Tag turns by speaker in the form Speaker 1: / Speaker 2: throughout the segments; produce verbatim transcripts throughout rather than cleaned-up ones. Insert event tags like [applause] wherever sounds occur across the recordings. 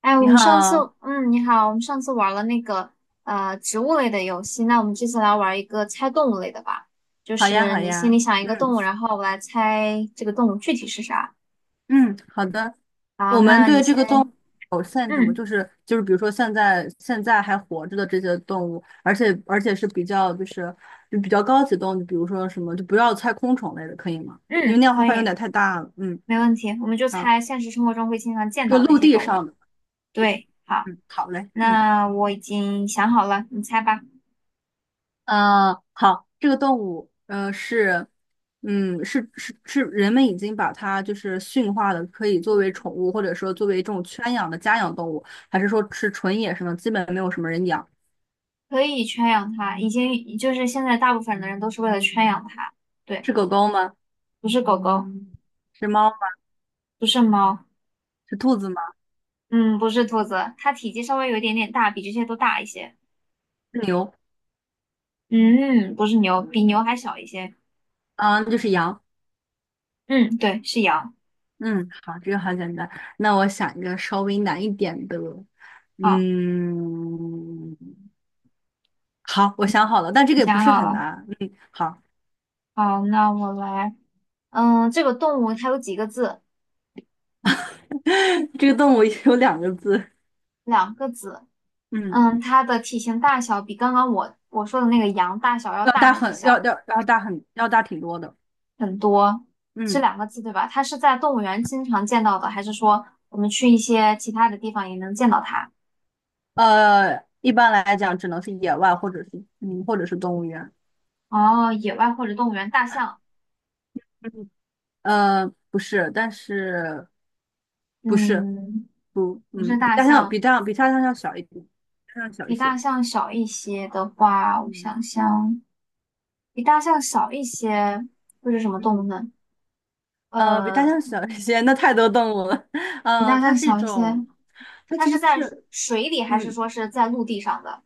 Speaker 1: 哎，我
Speaker 2: 你
Speaker 1: 们上次，
Speaker 2: 好。
Speaker 1: 嗯，你好，我们上次玩了那个呃植物类的游戏，那我们这次来玩一个猜动物类的吧，就
Speaker 2: 好呀，
Speaker 1: 是
Speaker 2: 好
Speaker 1: 你心里
Speaker 2: 呀，
Speaker 1: 想一
Speaker 2: 嗯
Speaker 1: 个动物，然后我来猜这个动物具体是啥。
Speaker 2: 嗯，好的。
Speaker 1: 好，
Speaker 2: 我们
Speaker 1: 那你
Speaker 2: 对这
Speaker 1: 先，
Speaker 2: 个动物有限制吗？
Speaker 1: 嗯
Speaker 2: 就是就是，比如说现在现在还活着的这些动物，而且而且是比较就是就比较高级动物，比如说什么就不要太空虫类的，可以吗？因为那
Speaker 1: 嗯，
Speaker 2: 样的话
Speaker 1: 可
Speaker 2: 范围有
Speaker 1: 以，
Speaker 2: 点太大了。嗯，
Speaker 1: 没问题，我们就
Speaker 2: 好，
Speaker 1: 猜现实生活中会经常见
Speaker 2: 就
Speaker 1: 到的一
Speaker 2: 陆
Speaker 1: 些
Speaker 2: 地
Speaker 1: 动物。
Speaker 2: 上的。
Speaker 1: 对，好，
Speaker 2: 嗯，好嘞，嗯。
Speaker 1: 那我已经想好了，你猜吧。
Speaker 2: 呃，好，这个动物，呃，是，嗯，是是是，人们已经把它就是驯化的，可以作为宠物，或者说作为这种圈养的家养动物，还是说是纯野生的，基本没有什么人养？
Speaker 1: 可以圈养它，已经就是现在大部分的人都是为了圈养它，对，
Speaker 2: 是狗狗吗？
Speaker 1: 不是狗狗，
Speaker 2: 是猫吗？
Speaker 1: 不是猫。
Speaker 2: 是兔子吗？
Speaker 1: 嗯，不是兔子，它体积稍微有一点点大，比这些都大一些。
Speaker 2: 是牛？
Speaker 1: 嗯，不是牛，比牛还小一些。
Speaker 2: 啊，就是羊。
Speaker 1: 嗯，对，是羊。
Speaker 2: 嗯，好，这个好简单。那我想一个稍微难一点的，
Speaker 1: 好，
Speaker 2: 嗯，好，我想好了，但这个
Speaker 1: 你
Speaker 2: 也不
Speaker 1: 想
Speaker 2: 是
Speaker 1: 好
Speaker 2: 很
Speaker 1: 了。
Speaker 2: 难。嗯，好。
Speaker 1: 好，那我来。嗯，这个动物它有几个字？
Speaker 2: [laughs] 这个动物有两个字。
Speaker 1: 两个字。
Speaker 2: 嗯。
Speaker 1: 嗯，它的体型大小比刚刚我我说的那个羊大小要
Speaker 2: 要
Speaker 1: 大
Speaker 2: 大
Speaker 1: 还是
Speaker 2: 很要
Speaker 1: 小？
Speaker 2: 要要大很要大挺多的，
Speaker 1: 很多，是
Speaker 2: 嗯。
Speaker 1: 两个字对吧？它是在动物园经常见到的，还是说我们去一些其他的地方也能见到它？
Speaker 2: 呃，一般来讲只能是野外或者是嗯或者是动物园。
Speaker 1: 哦，野外或者动物园，大象。
Speaker 2: 嗯，呃，不是，但是不是
Speaker 1: 嗯，
Speaker 2: 不，
Speaker 1: 不是
Speaker 2: 嗯，比
Speaker 1: 大
Speaker 2: 大象
Speaker 1: 象。
Speaker 2: 比大象比大象要小一点，大象小一
Speaker 1: 比大
Speaker 2: 些，
Speaker 1: 象小一些的话，我
Speaker 2: 嗯
Speaker 1: 想想，比大象小一些会是什么动物
Speaker 2: 嗯，
Speaker 1: 呢？
Speaker 2: 呃，比大
Speaker 1: 呃，
Speaker 2: 象小一些，那太多动物了。[laughs]
Speaker 1: 比
Speaker 2: 呃，
Speaker 1: 大
Speaker 2: 它
Speaker 1: 象
Speaker 2: 是一
Speaker 1: 小一些，
Speaker 2: 种，它
Speaker 1: 它
Speaker 2: 其
Speaker 1: 是
Speaker 2: 实
Speaker 1: 在
Speaker 2: 是，
Speaker 1: 水里还是
Speaker 2: 嗯，
Speaker 1: 说是在陆地上的？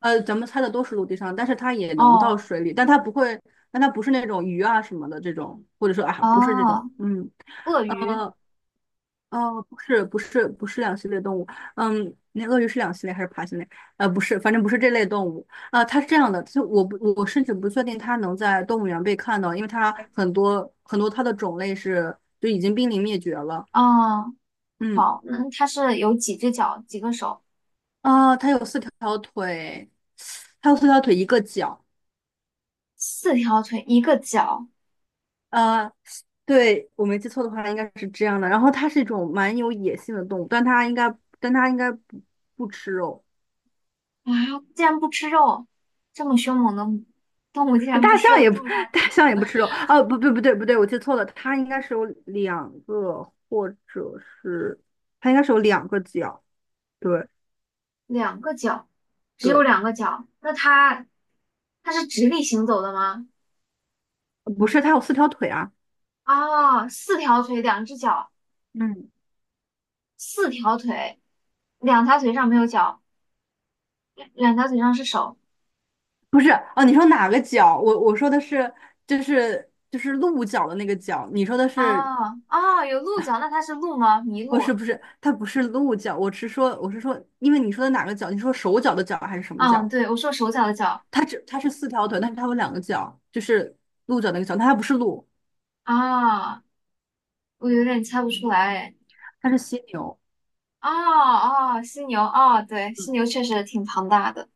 Speaker 2: 呃，咱们猜的都是陆地上，但是它也能到
Speaker 1: 哦，
Speaker 2: 水里，但它不会，但它不是那种鱼啊什么的这种，或者说啊，不是这种，
Speaker 1: 哦，
Speaker 2: 嗯。
Speaker 1: 鳄鱼，
Speaker 2: 呃，哦，不是，不是，不是两栖类动物。嗯，那鳄鱼是两栖类还是爬行类？呃，不是，反正不是这类动物。呃，它是这样的，就我不，我甚至不确定它能在动物园被看到，因为它很多很多它的种类是就已经濒临灭绝了。
Speaker 1: 哦，
Speaker 2: 嗯。
Speaker 1: 好，那它是有几只脚，几个手？
Speaker 2: 啊，它有四条腿，它有四条腿，一个脚。
Speaker 1: 四条腿，一个脚
Speaker 2: 呃，对，我没记错的话，应该是这样的。然后它是一种蛮有野性的动物，但它应该，但它应该不不吃肉。
Speaker 1: 啊！竟然不吃肉，这么凶猛的动物竟然
Speaker 2: 大
Speaker 1: 不吃
Speaker 2: 象
Speaker 1: 肉，
Speaker 2: 也不。
Speaker 1: 这么大
Speaker 2: [laughs]
Speaker 1: 的
Speaker 2: 大
Speaker 1: 体
Speaker 2: 象
Speaker 1: 型
Speaker 2: 也
Speaker 1: 的。
Speaker 2: 不吃肉。哦，不不不对不对，我记错了，它应该是有两个，或者是它应该是有两个脚。对
Speaker 1: 两个脚，只有
Speaker 2: 对。
Speaker 1: 两个脚，那它它是直立行走的吗？
Speaker 2: 不是，它有四条腿啊。
Speaker 1: 哦，四条腿，两只脚，
Speaker 2: 嗯，
Speaker 1: 四条腿，两条腿上没有脚，两两条腿上是手。
Speaker 2: 不是。哦，你说哪个脚？我我说的是就是就是鹿角的那个角，你说的
Speaker 1: 哦
Speaker 2: 是
Speaker 1: 哦，有鹿角，那它是鹿吗？麋
Speaker 2: 不是
Speaker 1: 鹿。
Speaker 2: 不是？它不是鹿角，我是说我是说，因为你说的哪个角？你说手脚的脚还是什么
Speaker 1: 嗯，
Speaker 2: 脚？
Speaker 1: 对，我说手脚的脚。
Speaker 2: 它只它是四条腿，但是它有两个脚，就是鹿角那个角，但它不是鹿，
Speaker 1: 啊、我有点猜不出来哎。
Speaker 2: 它是犀牛。
Speaker 1: 哦哦，犀牛，哦，对，犀
Speaker 2: 嗯
Speaker 1: 牛确实挺庞大的。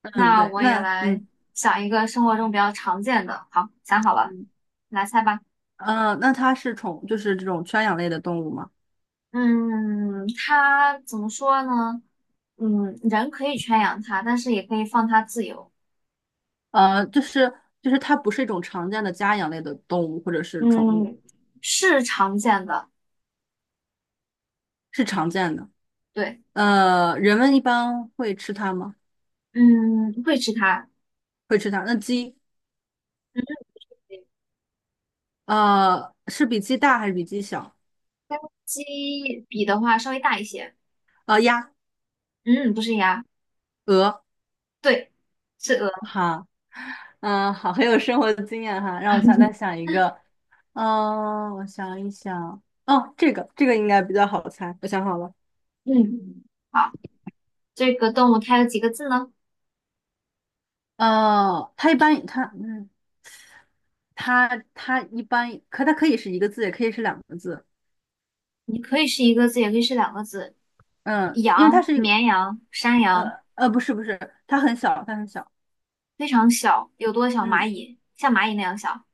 Speaker 2: 嗯，
Speaker 1: 那
Speaker 2: 对，
Speaker 1: 我也
Speaker 2: 那
Speaker 1: 来
Speaker 2: 嗯
Speaker 1: 想一个生活中比较常见的。好，想好了，
Speaker 2: 嗯
Speaker 1: 来猜吧。
Speaker 2: 呃，那它是宠，就是这种圈养类的动物吗？
Speaker 1: 嗯，它怎么说呢？嗯，人可以圈养它，但是也可以放它自由。
Speaker 2: 呃，就是就是它不是一种常见的家养类的动物或者是宠物，
Speaker 1: 嗯，是常见的，
Speaker 2: 是常见的。
Speaker 1: 对，
Speaker 2: 呃，人们一般会吃它吗？
Speaker 1: 嗯，会吃它。
Speaker 2: 会吃它。那鸡，
Speaker 1: 嗯，
Speaker 2: 呃，是比鸡大还是比鸡小？
Speaker 1: 鸡比的话稍微大一些。
Speaker 2: 呃，鸭、
Speaker 1: 嗯，不是鸭，
Speaker 2: 鹅，
Speaker 1: 对，是鹅。
Speaker 2: 好。嗯，好，很有生活的经验哈。让我想再
Speaker 1: [laughs]
Speaker 2: 想一个。嗯、我想一想，哦，这个这个应该比较好猜，我想好了。
Speaker 1: 嗯，好，这个动物它有几个字呢？
Speaker 2: 呃，它一般它嗯。它它一般可它可以是一个字，也可以是两个字。
Speaker 1: 你可以是一个字，也可以是两个字。
Speaker 2: 嗯，因为它
Speaker 1: 羊、
Speaker 2: 是一个
Speaker 1: 绵羊、山羊，
Speaker 2: 呃呃不是不是，它很小，它很小。
Speaker 1: 非常小，有多小？
Speaker 2: 嗯
Speaker 1: 蚂蚁，像蚂蚁那样小。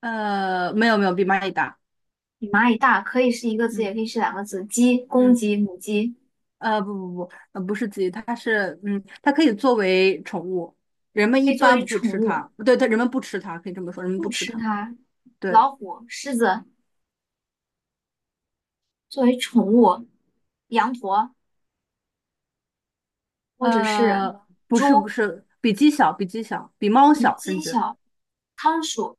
Speaker 2: 呃没有没有，比蚂蚁大。
Speaker 1: 比蚂蚁大，可以是一个字，
Speaker 2: 嗯
Speaker 1: 也可以是两个字。鸡，公
Speaker 2: 嗯
Speaker 1: 鸡、母鸡
Speaker 2: 呃不不不呃不是鸡，它是嗯它可以作为宠物，人们
Speaker 1: 可
Speaker 2: 一
Speaker 1: 以作
Speaker 2: 般
Speaker 1: 为
Speaker 2: 不会
Speaker 1: 宠
Speaker 2: 吃
Speaker 1: 物，
Speaker 2: 它。对对，人们不吃它，可以这么说，人们不
Speaker 1: 不
Speaker 2: 吃
Speaker 1: 吃
Speaker 2: 它。
Speaker 1: 它。
Speaker 2: 对。
Speaker 1: 老虎、狮子作为宠物，羊驼或者是
Speaker 2: 呃不是
Speaker 1: 猪，
Speaker 2: 不是，比鸡小，比鸡小，比猫
Speaker 1: 比
Speaker 2: 小甚
Speaker 1: 鸡
Speaker 2: 至。
Speaker 1: 小。仓鼠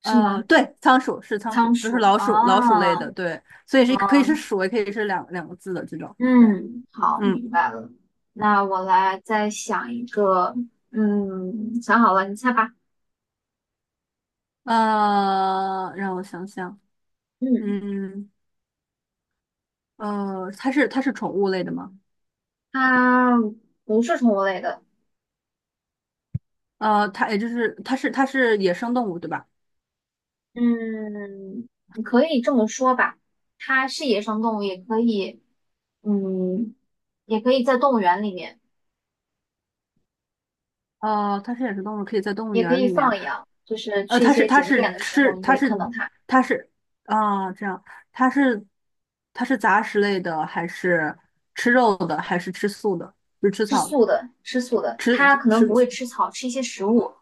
Speaker 1: 是
Speaker 2: 呃，
Speaker 1: 吗？
Speaker 2: 对，仓鼠是仓鼠，
Speaker 1: 仓
Speaker 2: 就是
Speaker 1: 鼠
Speaker 2: 老
Speaker 1: 啊
Speaker 2: 鼠，老鼠类
Speaker 1: 啊，
Speaker 2: 的，对，所以是可以是鼠，也可以是两两个字的这种，对，
Speaker 1: 嗯，好，
Speaker 2: 嗯。
Speaker 1: 明白了。那我来再想一个，嗯，想好了，你猜吧。
Speaker 2: 呃，让我想想。
Speaker 1: 嗯，
Speaker 2: 嗯。呃，它是它是宠物类的吗？
Speaker 1: 它不是宠物类的。
Speaker 2: 呃，它也就是它是它是野生动物，对吧？
Speaker 1: 嗯，你可以这么说吧，它是野生动物，也可以，嗯，也可以在动物园里面，
Speaker 2: 呃，它是野生动物，可以在动物
Speaker 1: 也可
Speaker 2: 园
Speaker 1: 以
Speaker 2: 里面。
Speaker 1: 放养，就是
Speaker 2: 呃，
Speaker 1: 去一
Speaker 2: 它是
Speaker 1: 些
Speaker 2: 它
Speaker 1: 景
Speaker 2: 是
Speaker 1: 点的时
Speaker 2: 吃
Speaker 1: 候，你
Speaker 2: 它
Speaker 1: 会
Speaker 2: 是
Speaker 1: 看到它
Speaker 2: 它是啊，这样，它是它是杂食类的，还是吃肉的，还是吃素的，就是吃
Speaker 1: 吃
Speaker 2: 草的
Speaker 1: 素的，吃素的，
Speaker 2: 吃
Speaker 1: 它可能
Speaker 2: 吃
Speaker 1: 不会吃草，吃一些食物。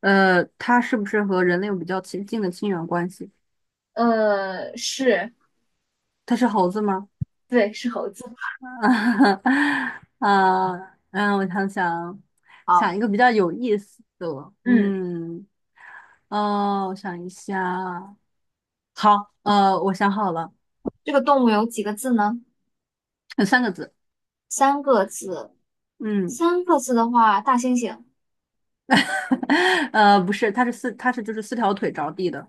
Speaker 2: 呃，它是不是和人类有比较亲近的亲缘关系？
Speaker 1: 呃，是，
Speaker 2: 它是猴子吗？
Speaker 1: 对，是猴子。
Speaker 2: [laughs] 啊，嗯，我想想，
Speaker 1: 好，
Speaker 2: 想一个比较有意思的，
Speaker 1: 嗯，
Speaker 2: 嗯，哦，我想一下，好。呃，我想好了，
Speaker 1: 这个动物有几个字呢？
Speaker 2: 有三个字，
Speaker 1: 三个字，
Speaker 2: 嗯。
Speaker 1: 三个字的话，大猩猩，
Speaker 2: [laughs] 呃，不是，它是四，它是就是四条腿着地的，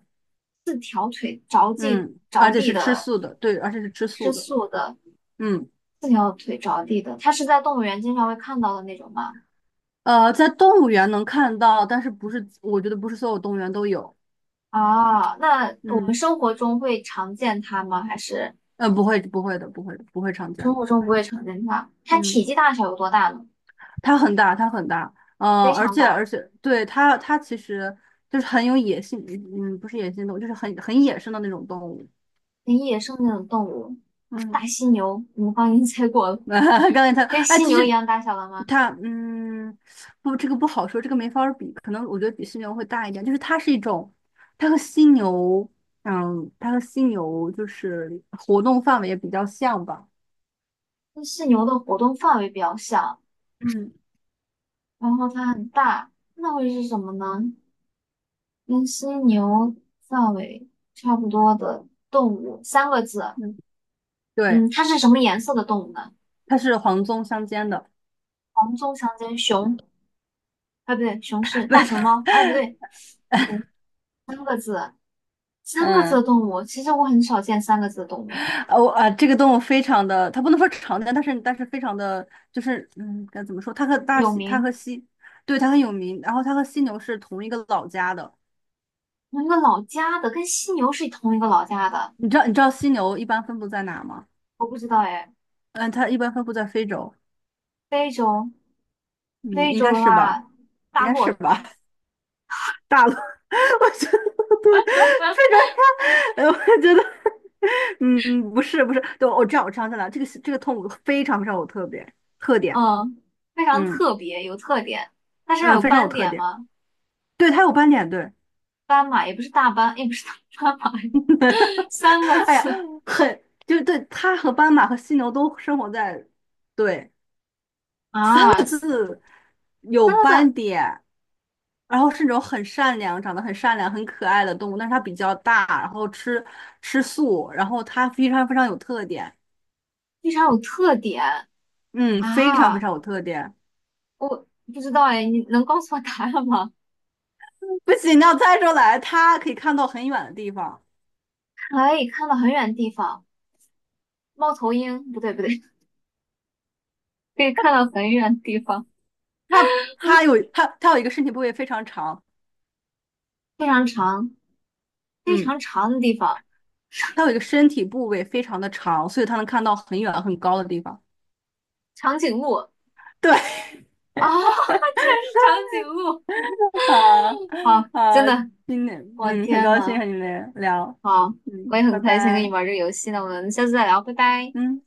Speaker 1: 着地
Speaker 2: 嗯，
Speaker 1: 着
Speaker 2: 而且
Speaker 1: 地
Speaker 2: 是吃
Speaker 1: 的，
Speaker 2: 素的，对，而且是吃
Speaker 1: 吃
Speaker 2: 素的，
Speaker 1: 素的。
Speaker 2: 嗯。
Speaker 1: 四条腿着地的，它是在动物园经常会看到的那种吗？
Speaker 2: 呃，在动物园能看到，但是不是，我觉得不是所有动物园都有。
Speaker 1: 啊，那我们
Speaker 2: 嗯。
Speaker 1: 生活中会常见它吗？还是
Speaker 2: 嗯，不会，不会的，不会的，不会常见
Speaker 1: 生
Speaker 2: 的。
Speaker 1: 活中不会常见它？它体
Speaker 2: 嗯，
Speaker 1: 积大小有多大呢？
Speaker 2: 它很大，它很大。嗯，
Speaker 1: 非
Speaker 2: 而
Speaker 1: 常
Speaker 2: 且而
Speaker 1: 大，
Speaker 2: 且，对它它其实就是很有野性，嗯，嗯不是野性动物，就是很很野生的那种动物。
Speaker 1: 跟野生那种动物，
Speaker 2: 嗯。
Speaker 1: 大犀牛，我们刚已经猜过了，
Speaker 2: [laughs] 刚才它，
Speaker 1: 跟
Speaker 2: 哎，
Speaker 1: 犀
Speaker 2: 其
Speaker 1: 牛一
Speaker 2: 实
Speaker 1: 样大小的吗？
Speaker 2: 它，嗯，不，这个不好说，这个没法儿比，可能我觉得比犀牛会大一点。就是它是一种，它和犀牛，嗯，它和犀牛就是活动范围也比较像吧。
Speaker 1: 跟犀牛的活动范围比较小，
Speaker 2: 嗯
Speaker 1: 然后它很大，那会是什么呢？跟犀牛范围差不多的动物，三个字，
Speaker 2: 嗯，对，
Speaker 1: 嗯，它是什么颜色的动物呢？
Speaker 2: 它是黄棕相间的。
Speaker 1: 黄棕长颈熊，哎，不对，熊是
Speaker 2: [laughs] 不
Speaker 1: 大
Speaker 2: 是。
Speaker 1: 熊猫，哎，不对，不对，三个字的
Speaker 2: 嗯，
Speaker 1: 动物，其实我很少见三个字的动物诶，
Speaker 2: 哦啊，这个动物非常的，它不能说常见，但是但是非常的，就是嗯，该怎么说？它和大
Speaker 1: 有
Speaker 2: 西，它
Speaker 1: 名，
Speaker 2: 和西，对，它很有名。然后它和犀牛是同一个老家的。
Speaker 1: 同一个老家的，跟犀牛是同一个老家的，
Speaker 2: 你知道你知道犀牛一般分布在哪吗？
Speaker 1: 我不知道哎。
Speaker 2: 嗯，它一般分布在非洲。
Speaker 1: 非洲，
Speaker 2: 嗯，
Speaker 1: 非
Speaker 2: 应
Speaker 1: 洲
Speaker 2: 该
Speaker 1: 的
Speaker 2: 是
Speaker 1: 话，
Speaker 2: 吧？应
Speaker 1: 大
Speaker 2: 该
Speaker 1: 骆
Speaker 2: 是吧？
Speaker 1: 驼，
Speaker 2: [laughs] 大陆。[laughs] 我觉得不对，非洲呀。[laughs] 呃我觉得，嗯，嗯不是不是，对，我知道我知道在哪。这个这个动物非常非常有特别特点。
Speaker 1: 嗯，非常
Speaker 2: 嗯
Speaker 1: 特别，有特点。它身
Speaker 2: 嗯，
Speaker 1: 上
Speaker 2: 呃
Speaker 1: 有
Speaker 2: 非常有
Speaker 1: 斑
Speaker 2: 特
Speaker 1: 点
Speaker 2: 点。
Speaker 1: 吗？
Speaker 2: 对，它有斑点，对。
Speaker 1: 斑马也不是大斑，也不是大斑马，[laughs]
Speaker 2: [laughs]
Speaker 1: 三个
Speaker 2: 哎呀，
Speaker 1: 字
Speaker 2: 很，就对，它和斑马和犀牛都生活在，对，
Speaker 1: 啊，三
Speaker 2: 有
Speaker 1: 个字
Speaker 2: 斑点，然后是那种很善良、长得很善良、很可爱的动物，但是它比较大，然后吃吃素，然后它非常非常有特点，
Speaker 1: 非常有特点
Speaker 2: 嗯，非常非
Speaker 1: 啊。
Speaker 2: 常有特点。
Speaker 1: 我不知道哎，你能告诉我答案吗？
Speaker 2: 不行，你要猜出来，它可以看到很远的地方。
Speaker 1: [laughs] 可以看到很远地方，猫头鹰，不对不对，[laughs] 可以看到很远地方，
Speaker 2: 它它有它它有一个身体部位非常长，
Speaker 1: 非常长，非
Speaker 2: 嗯，
Speaker 1: 常长的地方，
Speaker 2: 它有一个身体部位非常的长，所以它能看到很远很高的地方。
Speaker 1: 长颈鹿啊，
Speaker 2: 对。
Speaker 1: [laughs] 竟然是长颈鹿！
Speaker 2: [laughs] 好
Speaker 1: 好，真
Speaker 2: 好，
Speaker 1: 的，
Speaker 2: 今天
Speaker 1: 我
Speaker 2: 嗯，很
Speaker 1: 天
Speaker 2: 高兴
Speaker 1: 呐，
Speaker 2: 和你们聊，
Speaker 1: 好，我
Speaker 2: 嗯，
Speaker 1: 也
Speaker 2: 拜
Speaker 1: 很开心跟你
Speaker 2: 拜，
Speaker 1: 玩这个游戏呢，我们下次再聊，拜拜。
Speaker 2: 嗯。